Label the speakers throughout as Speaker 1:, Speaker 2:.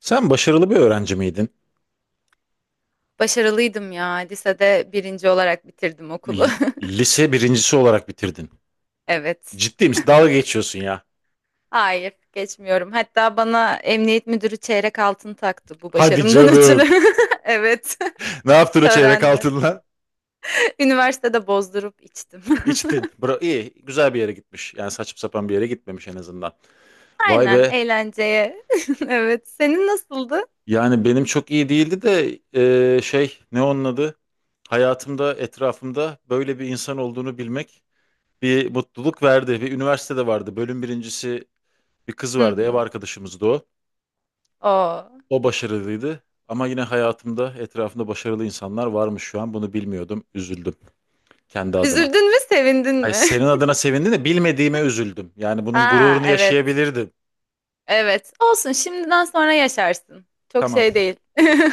Speaker 1: Sen başarılı bir öğrenci miydin?
Speaker 2: Başarılıydım ya. Lisede birinci olarak bitirdim okulu.
Speaker 1: L- lise birincisi olarak bitirdin.
Speaker 2: Evet.
Speaker 1: Ciddi misin? Dalga geçiyorsun ya.
Speaker 2: Hayır, geçmiyorum. Hatta bana emniyet müdürü çeyrek altın taktı bu
Speaker 1: Hadi
Speaker 2: başarımdan ötürü.
Speaker 1: canım.
Speaker 2: Evet.
Speaker 1: Ne yaptın o çeyrek
Speaker 2: Törende.
Speaker 1: altınla?
Speaker 2: Üniversitede bozdurup içtim.
Speaker 1: İçtin. Bra iyi. Güzel bir yere gitmiş. Yani saçıp sapan bir yere gitmemiş en azından. Vay
Speaker 2: Aynen,
Speaker 1: be.
Speaker 2: eğlenceye. Evet. Senin nasıldı?
Speaker 1: Yani benim çok iyi değildi de şey ne onun adı? Hayatımda etrafımda böyle bir insan olduğunu bilmek bir mutluluk verdi. Bir üniversitede vardı. Bölüm birincisi bir kız
Speaker 2: Hı
Speaker 1: vardı. Ev
Speaker 2: hı.
Speaker 1: arkadaşımızdı o.
Speaker 2: Oo.
Speaker 1: O başarılıydı ama yine hayatımda etrafımda başarılı insanlar varmış şu an. Bunu bilmiyordum. Üzüldüm kendi adıma.
Speaker 2: Üzüldün mü, sevindin
Speaker 1: Ay
Speaker 2: mi?
Speaker 1: senin adına sevindim de bilmediğime üzüldüm. Yani bunun
Speaker 2: Aa,
Speaker 1: gururunu
Speaker 2: evet.
Speaker 1: yaşayabilirdim.
Speaker 2: Evet. Olsun, şimdiden sonra yaşarsın. Çok
Speaker 1: Tamam,
Speaker 2: şey değil.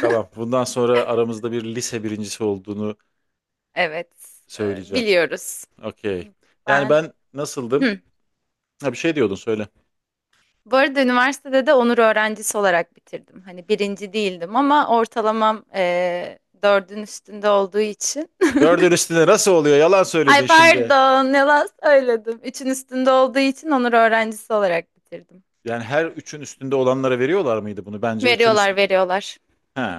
Speaker 1: tamam. Bundan sonra aramızda bir lise birincisi olduğunu
Speaker 2: Evet.
Speaker 1: söyleyeceğim.
Speaker 2: Biliyoruz.
Speaker 1: Okey. Yani
Speaker 2: Ben.
Speaker 1: ben nasıldım?
Speaker 2: Hı.
Speaker 1: Ha bir şey diyordun söyle.
Speaker 2: Bu arada üniversitede de onur öğrencisi olarak bitirdim. Hani birinci değildim ama ortalamam dördün üstünde olduğu için.
Speaker 1: Dördün üstünde nasıl oluyor? Yalan söyledin
Speaker 2: Ay
Speaker 1: şimdi.
Speaker 2: pardon yalan söyledim. Üçün üstünde olduğu için onur öğrencisi olarak bitirdim.
Speaker 1: Yani her üçün üstünde olanlara veriyorlar mıydı bunu? Bence üçün
Speaker 2: Veriyorlar,
Speaker 1: üstü...
Speaker 2: veriyorlar.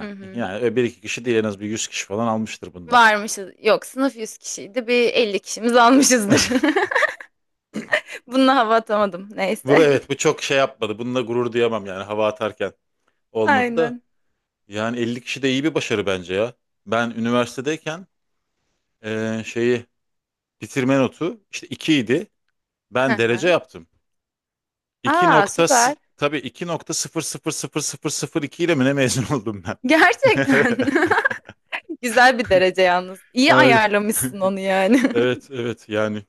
Speaker 2: Hı hı.
Speaker 1: yani bir iki kişi değil en az bir yüz kişi falan almıştır bundan.
Speaker 2: Varmışız. Yok, sınıf 100 kişiydi. Bir 50 kişimiz almışızdır. Bununla hava atamadım.
Speaker 1: Bu,
Speaker 2: Neyse.
Speaker 1: evet, bu çok şey yapmadı. Bununla gurur duyamam yani hava atarken olmadı da.
Speaker 2: Aynen.
Speaker 1: Yani 50 kişi de iyi bir başarı bence ya. Ben üniversitedeyken şeyi bitirme notu işte 2 idi.
Speaker 2: Hı
Speaker 1: Ben derece
Speaker 2: hı.
Speaker 1: yaptım. 2
Speaker 2: Aa, süper.
Speaker 1: tabii 2.000002 ile mi ne mezun oldum ben?
Speaker 2: Gerçekten. Güzel bir derece yalnız. İyi
Speaker 1: Aynen.
Speaker 2: ayarlamışsın onu yani.
Speaker 1: Evet evet, yani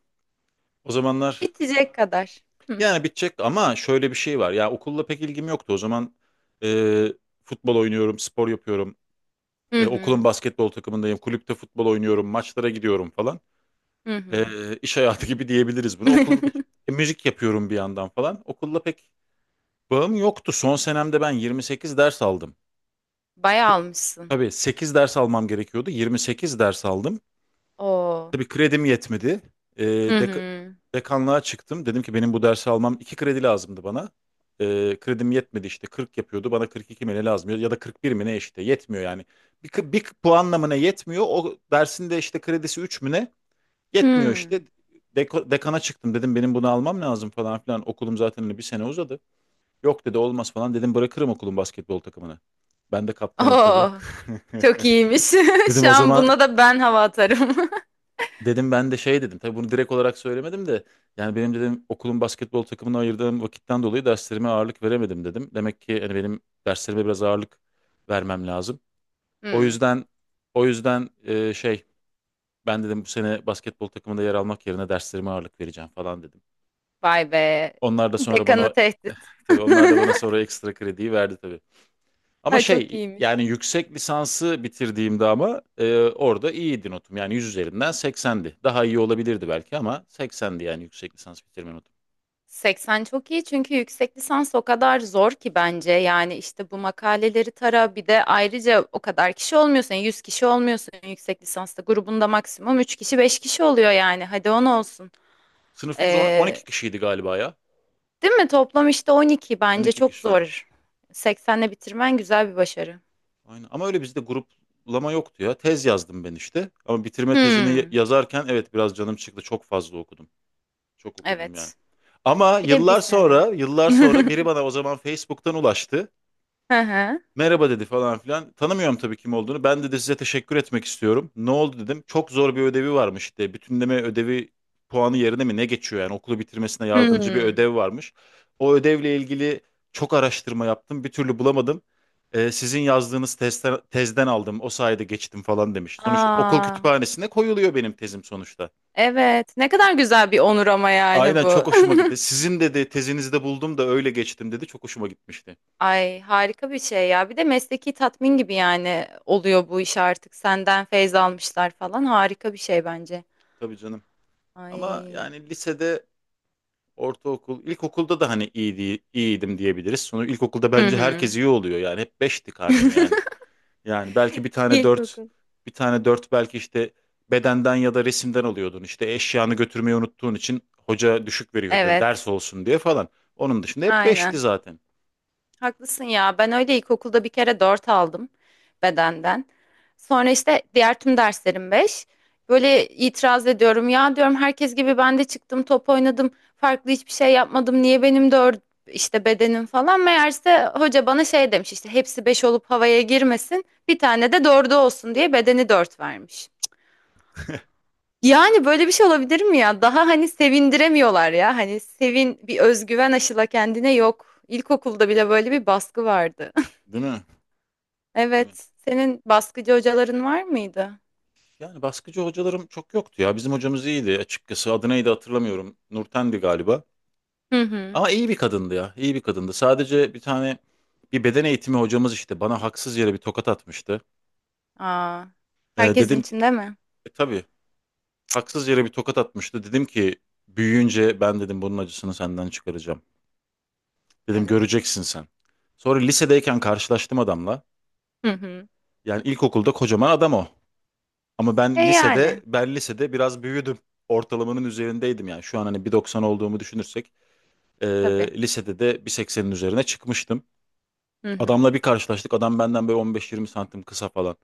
Speaker 1: o zamanlar
Speaker 2: Bitecek kadar. Hı
Speaker 1: yani bitecek ama şöyle bir şey var. Ya okulla pek ilgim yoktu. O zaman eee, futbol oynuyorum, spor yapıyorum.
Speaker 2: hı
Speaker 1: E, okulun
Speaker 2: hı.
Speaker 1: basketbol takımındayım, kulüpte futbol oynuyorum, maçlara gidiyorum falan.
Speaker 2: Hı hı.
Speaker 1: E, iş hayatı gibi diyebiliriz bunu. Okulda da müzik yapıyorum bir yandan falan. Okulla pek bağım yoktu. Son senemde ben 28 ders aldım.
Speaker 2: Bayağı
Speaker 1: Se-
Speaker 2: almışsın.
Speaker 1: Tabii 8 ders almam gerekiyordu. 28 ders aldım.
Speaker 2: Oo.
Speaker 1: Tabii kredim yetmedi. Ee,
Speaker 2: Hı
Speaker 1: deka-
Speaker 2: hı.
Speaker 1: Dekanlığa çıktım. Dedim ki benim bu dersi almam 2 kredi lazımdı bana. Kredim yetmedi işte 40 yapıyordu. Bana 42 mi ne lazım ya da 41 mi ne işte yetmiyor yani. Bir puanla mı ne yetmiyor. O dersin de işte kredisi 3 mü ne yetmiyor
Speaker 2: Hı.
Speaker 1: işte. Dekana çıktım, dedim benim bunu almam lazım falan filan. Okulum zaten hani bir sene uzadı. Yok dedi olmaz, falan dedim bırakırım okulun basketbol takımını. Ben de kaptanım tabii.
Speaker 2: Oo. Çok iyiymiş.
Speaker 1: Dedim
Speaker 2: Şu
Speaker 1: o
Speaker 2: an
Speaker 1: zaman
Speaker 2: buna da ben hava atarım.
Speaker 1: Dedim ben de şey dedim. Tabii bunu direkt olarak söylemedim de yani benim dedim okulun basketbol takımına ayırdığım vakitten dolayı derslerime ağırlık veremedim dedim. Demek ki hani benim derslerime biraz ağırlık vermem lazım. O
Speaker 2: Hı.
Speaker 1: yüzden şey ben dedim bu sene basketbol takımında yer almak yerine derslerime ağırlık vereceğim falan dedim.
Speaker 2: Vay be.
Speaker 1: Onlar da sonra
Speaker 2: Dekanı
Speaker 1: bana
Speaker 2: tehdit.
Speaker 1: Tabii onlar da bana sonra ekstra krediyi verdi. Ama
Speaker 2: Ay çok
Speaker 1: şey
Speaker 2: iyiymiş.
Speaker 1: yani yüksek lisansı bitirdiğimde ama orada iyiydi notum. Yani 100 üzerinden 80'di. Daha iyi olabilirdi belki ama 80'di yani yüksek lisans bitirme notum.
Speaker 2: 80 çok iyi çünkü yüksek lisans o kadar zor ki bence. Yani işte bu makaleleri tara, bir de ayrıca o kadar kişi olmuyorsun. 100 kişi olmuyorsun yüksek lisansta. Grubunda maksimum 3 kişi, 5 kişi oluyor yani. Hadi 10 olsun.
Speaker 1: Sınıfımız
Speaker 2: Ee,
Speaker 1: 12 kişiydi galiba ya.
Speaker 2: değil mi? Toplam işte 12, bence
Speaker 1: 12
Speaker 2: çok
Speaker 1: kişiydi.
Speaker 2: zor. 80'le bitirmen güzel bir başarı.
Speaker 1: Aynen. Ama öyle bizde gruplama yoktu ya. Tez yazdım ben işte. Ama bitirme tezini
Speaker 2: Hmm,
Speaker 1: yazarken evet biraz canım çıktı. Çok fazla okudum. Çok okudum yani.
Speaker 2: evet.
Speaker 1: Ama
Speaker 2: Bir de bir
Speaker 1: yıllar
Speaker 2: sene.
Speaker 1: sonra, yıllar sonra biri bana o zaman Facebook'tan ulaştı.
Speaker 2: Hı hı.
Speaker 1: Merhaba dedi falan filan. Tanımıyorum tabii kim olduğunu. Ben dedi size teşekkür etmek istiyorum. Ne oldu dedim. Çok zor bir ödevi varmış işte. Bütünleme ödevi puanı yerine mi ne geçiyor yani okulu bitirmesine yardımcı bir
Speaker 2: Hmm.
Speaker 1: ödev varmış. O ödevle ilgili çok araştırma yaptım. Bir türlü bulamadım. Sizin yazdığınız tezden aldım. O sayede geçtim falan demiş. Sonuçta okul
Speaker 2: Aa,
Speaker 1: kütüphanesine koyuluyor benim tezim sonuçta.
Speaker 2: evet. Ne kadar güzel bir onur ama yani
Speaker 1: Aynen
Speaker 2: bu.
Speaker 1: çok hoşuma gitti. Sizin dedi tezinizi de buldum da öyle geçtim dedi. Çok hoşuma gitmişti.
Speaker 2: Ay, harika bir şey ya. Bir de mesleki tatmin gibi yani oluyor bu iş artık. Senden feyz almışlar falan. Harika bir şey bence.
Speaker 1: Tabii canım. Ama
Speaker 2: Ay.
Speaker 1: yani lisede, ortaokul, ilkokulda da hani iyiydi, iyiydim diyebiliriz. Sonra ilkokulda
Speaker 2: Hı
Speaker 1: bence herkes
Speaker 2: hı.
Speaker 1: iyi oluyor yani. Hep beşti karnem yani. Yani belki bir tane 4,
Speaker 2: İlkokul.
Speaker 1: bir tane 4 belki işte bedenden ya da resimden alıyordun. İşte eşyanı götürmeyi unuttuğun için hoca düşük veriyordu. Ders
Speaker 2: Evet.
Speaker 1: olsun diye falan. Onun dışında hep beşti
Speaker 2: Aynen.
Speaker 1: zaten.
Speaker 2: Haklısın ya. Ben öyle ilkokulda bir kere 4 aldım bedenden. Sonra işte diğer tüm derslerim 5. Böyle itiraz ediyorum. Ya, diyorum, herkes gibi ben de çıktım, top oynadım. Farklı hiçbir şey yapmadım. Niye benim 4 işte bedenim falan? Meğerse hoca bana şey demiş, işte hepsi 5 olup havaya girmesin. Bir tane de dördü olsun diye bedeni 4 vermiş. Yani böyle bir şey olabilir mi ya? Daha hani sevindiremiyorlar ya. Hani sevin, bir özgüven aşıla kendine, yok. İlkokulda bile böyle bir baskı vardı.
Speaker 1: Değil mi? Değil mi?
Speaker 2: Evet. Senin baskıcı hocaların var mıydı?
Speaker 1: Yani baskıcı hocalarım çok yoktu ya. Bizim hocamız iyiydi açıkçası. Adı neydi hatırlamıyorum. Nurten'di galiba.
Speaker 2: Hı hı.
Speaker 1: Ama iyi bir kadındı ya. İyi bir kadındı. Sadece bir tane bir beden eğitimi hocamız işte bana haksız yere bir tokat atmıştı.
Speaker 2: Aa, herkesin
Speaker 1: Dedim ki
Speaker 2: içinde mi?
Speaker 1: tabii haksız yere bir tokat atmıştı. Dedim ki büyüyünce ben dedim bunun acısını senden çıkaracağım. Dedim
Speaker 2: Evet.
Speaker 1: göreceksin sen. Sonra lisedeyken karşılaştım adamla.
Speaker 2: Hı hı.
Speaker 1: Yani ilkokulda kocaman adam o. Ama
Speaker 2: E
Speaker 1: ben lisede
Speaker 2: yani
Speaker 1: ben lisede biraz büyüdüm. Ortalamanın üzerindeydim yani. Şu an hani bir doksan olduğumu düşünürsek e,
Speaker 2: tabii.
Speaker 1: lisede de bir seksenin üzerine çıkmıştım.
Speaker 2: Hı hı.
Speaker 1: Adamla bir karşılaştık. Adam benden böyle 15-20 santim kısa falan.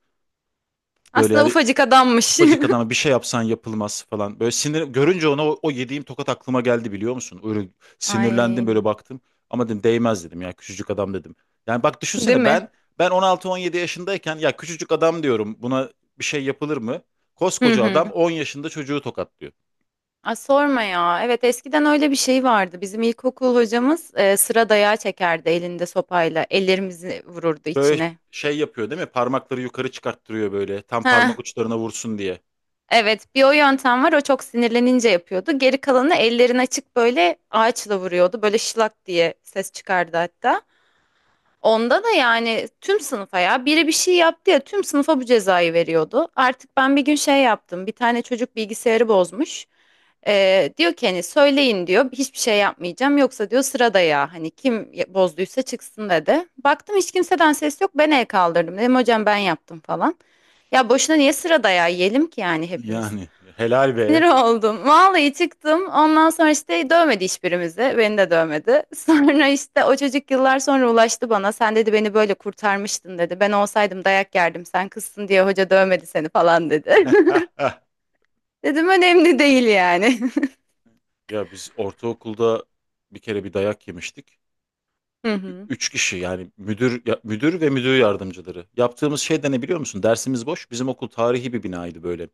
Speaker 1: Böyle
Speaker 2: Aslında
Speaker 1: yani
Speaker 2: ufacık adammış.
Speaker 1: ufacık adama bir şey yapsan yapılmaz falan. Böyle sinir görünce ona o yediğim tokat aklıma geldi biliyor musun? Öyle sinirlendim böyle
Speaker 2: Ay,
Speaker 1: baktım. Ama dedim değmez dedim ya küçücük adam dedim. Yani bak
Speaker 2: değil
Speaker 1: düşünsene
Speaker 2: mi?
Speaker 1: ben 16-17 yaşındayken ya küçücük adam diyorum buna bir şey yapılır mı?
Speaker 2: Hı
Speaker 1: Koskoca adam
Speaker 2: hı.
Speaker 1: 10 yaşında çocuğu tokatlıyor.
Speaker 2: Aa, sorma ya. Evet, eskiden öyle bir şey vardı. Bizim ilkokul hocamız sıra dayağı çekerdi elinde sopayla. Ellerimizi vururdu
Speaker 1: Böyle
Speaker 2: içine.
Speaker 1: şey yapıyor değil mi? Parmakları yukarı çıkarttırıyor böyle tam
Speaker 2: Heh.
Speaker 1: parmak uçlarına vursun diye.
Speaker 2: Evet, bir o yöntem var. O çok sinirlenince yapıyordu. Geri kalanı ellerini açık böyle ağaçla vuruyordu. Böyle şılak diye ses çıkardı hatta. Onda da yani tüm sınıfa, ya biri bir şey yaptı ya, tüm sınıfa bu cezayı veriyordu. Artık ben bir gün şey yaptım. Bir tane çocuk bilgisayarı bozmuş. Diyor ki hani söyleyin diyor, hiçbir şey yapmayacağım, yoksa diyor sırada ya, hani kim bozduysa çıksın dedi. Baktım hiç kimseden ses yok, ben el kaldırdım, dedim hocam ben yaptım falan. Ya boşuna niye sırada ya yiyelim ki yani hepimiz.
Speaker 1: Yani helal
Speaker 2: Sinir
Speaker 1: be.
Speaker 2: oldum. Vallahi çıktım. Ondan sonra işte dövmedi hiçbirimizi. Beni de dövmedi. Sonra işte o çocuk yıllar sonra ulaştı bana. Sen, dedi, beni böyle kurtarmıştın dedi. Ben olsaydım dayak yerdim. Sen kızsın diye hoca dövmedi seni falan dedi. Dedim önemli değil yani.
Speaker 1: Ya biz ortaokulda bir kere bir dayak yemiştik.
Speaker 2: Hı hı.
Speaker 1: Üç kişi yani müdür müdür ve müdür yardımcıları. Yaptığımız şey de ne biliyor musun? Dersimiz boş. Bizim okul tarihi bir binaydı böyle.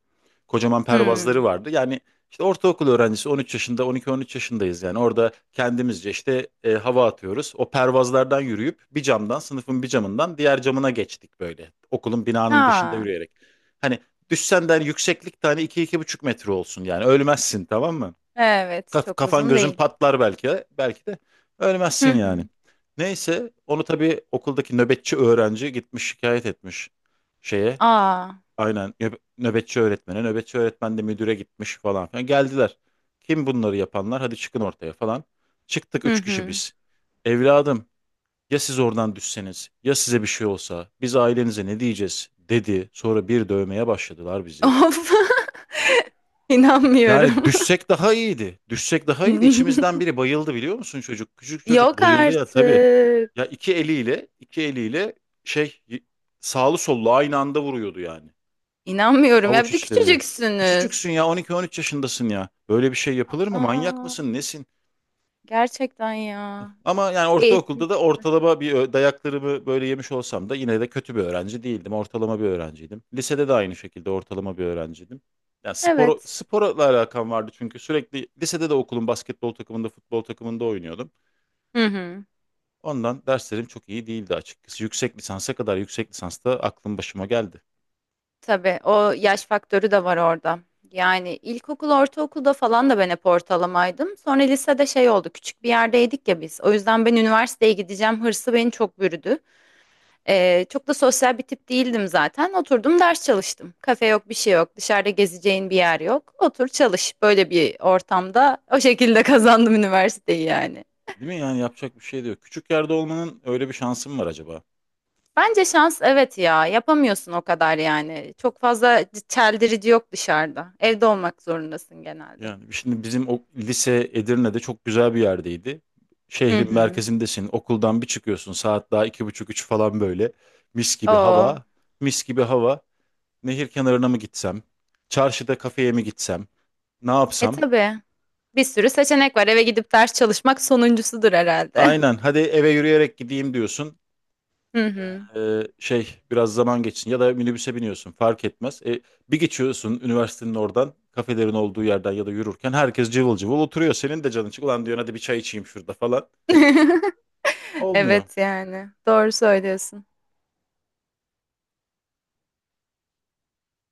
Speaker 1: Kocaman pervazları
Speaker 2: Hmm.
Speaker 1: vardı. Yani işte ortaokul öğrencisi 13 yaşında 12-13 yaşındayız yani. Orada kendimizce işte hava atıyoruz. O pervazlardan yürüyüp bir camdan sınıfın bir camından diğer camına geçtik böyle. Okulun binanın dışında
Speaker 2: Aa,
Speaker 1: yürüyerek. Hani düşsen de hani yükseklik tane iki iki buçuk metre olsun yani ölmezsin tamam mı?
Speaker 2: evet, çok
Speaker 1: Kafan
Speaker 2: uzun
Speaker 1: gözün
Speaker 2: değil.
Speaker 1: patlar belki de, belki de ölmezsin
Speaker 2: Hı hı.
Speaker 1: yani. Neyse onu tabii okuldaki nöbetçi öğrenci gitmiş şikayet etmiş şeye.
Speaker 2: Aa.
Speaker 1: Aynen nöbetçi öğretmene. Nöbetçi öğretmen de müdüre gitmiş falan filan. Geldiler. Kim bunları yapanlar? Hadi çıkın ortaya falan. Çıktık
Speaker 2: Hı
Speaker 1: üç kişi
Speaker 2: hı.
Speaker 1: biz. Evladım ya siz oradan düşseniz ya size bir şey olsa biz ailenize ne diyeceğiz dedi. Sonra bir dövmeye başladılar bizi.
Speaker 2: Of.
Speaker 1: Yani
Speaker 2: İnanmıyorum.
Speaker 1: düşsek daha iyiydi. Düşsek daha iyiydi. İçimizden biri bayıldı biliyor musun çocuk? Küçük çocuk
Speaker 2: Yok
Speaker 1: bayıldı ya tabii.
Speaker 2: artık.
Speaker 1: Ya iki eliyle, iki eliyle şey y- sağlı sollu aynı anda vuruyordu yani.
Speaker 2: İnanmıyorum ya,
Speaker 1: Avuç
Speaker 2: bir de
Speaker 1: içleriyle.
Speaker 2: küçücüksünüz.
Speaker 1: Küçücüksün ya on iki on üç yaşındasın ya. Böyle bir şey yapılır mı? Manyak
Speaker 2: Aa,
Speaker 1: mısın? Nesin?
Speaker 2: gerçekten ya.
Speaker 1: Ama yani
Speaker 2: Eğitim.
Speaker 1: ortaokulda da dayaklarımı böyle yemiş olsam da yine de kötü bir öğrenci değildim. Ortalama bir öğrenciydim. Lisede de aynı şekilde ortalama bir öğrenciydim. Yani
Speaker 2: Evet.
Speaker 1: sporla alakam vardı çünkü sürekli lisede de okulun basketbol takımında, futbol takımında oynuyordum.
Speaker 2: Hı hı.
Speaker 1: Ondan derslerim çok iyi değildi açıkçası. Yüksek lisansa kadar yüksek lisansta aklım başıma geldi.
Speaker 2: Tabii o yaş faktörü de var orada. Yani ilkokul, ortaokulda falan da ben hep ortalamaydım. Sonra lisede şey oldu, küçük bir yerdeydik ya biz. O yüzden ben üniversiteye gideceğim hırsı beni çok bürüdü. Çok da sosyal bir tip değildim zaten. Oturdum ders çalıştım. Kafe yok, bir şey yok. Dışarıda gezeceğin bir yer yok. Otur çalış. Böyle bir ortamda o şekilde kazandım üniversiteyi yani.
Speaker 1: Değil mi? Yani yapacak bir şey de yok. Küçük yerde olmanın öyle bir şansım var acaba?
Speaker 2: Bence şans, evet ya, yapamıyorsun o kadar yani. Çok fazla çeldirici yok dışarıda. Evde olmak zorundasın genelde.
Speaker 1: Yani şimdi bizim o lise Edirne'de çok güzel bir yerdeydi.
Speaker 2: Hı
Speaker 1: Şehrin
Speaker 2: hı.
Speaker 1: merkezindesin, okuldan bir çıkıyorsun saat daha iki buçuk üç falan böyle. Mis gibi
Speaker 2: Oo.
Speaker 1: hava, mis gibi hava. Nehir kenarına mı gitsem, çarşıda kafeye mi gitsem, ne
Speaker 2: E
Speaker 1: yapsam?
Speaker 2: tabii. Bir sürü seçenek var. Eve gidip ders çalışmak sonuncusudur herhalde.
Speaker 1: Aynen hadi eve yürüyerek gideyim diyorsun.
Speaker 2: Hı hı.
Speaker 1: Şey biraz zaman geçsin ya da minibüse biniyorsun fark etmez. E, bir geçiyorsun üniversitenin oradan kafelerin olduğu yerden ya da yürürken herkes cıvıl cıvıl oturuyor. Senin de canın çık ulan diyorsun hadi bir çay içeyim şurada falan. Olmuyor.
Speaker 2: Evet yani. Doğru söylüyorsun.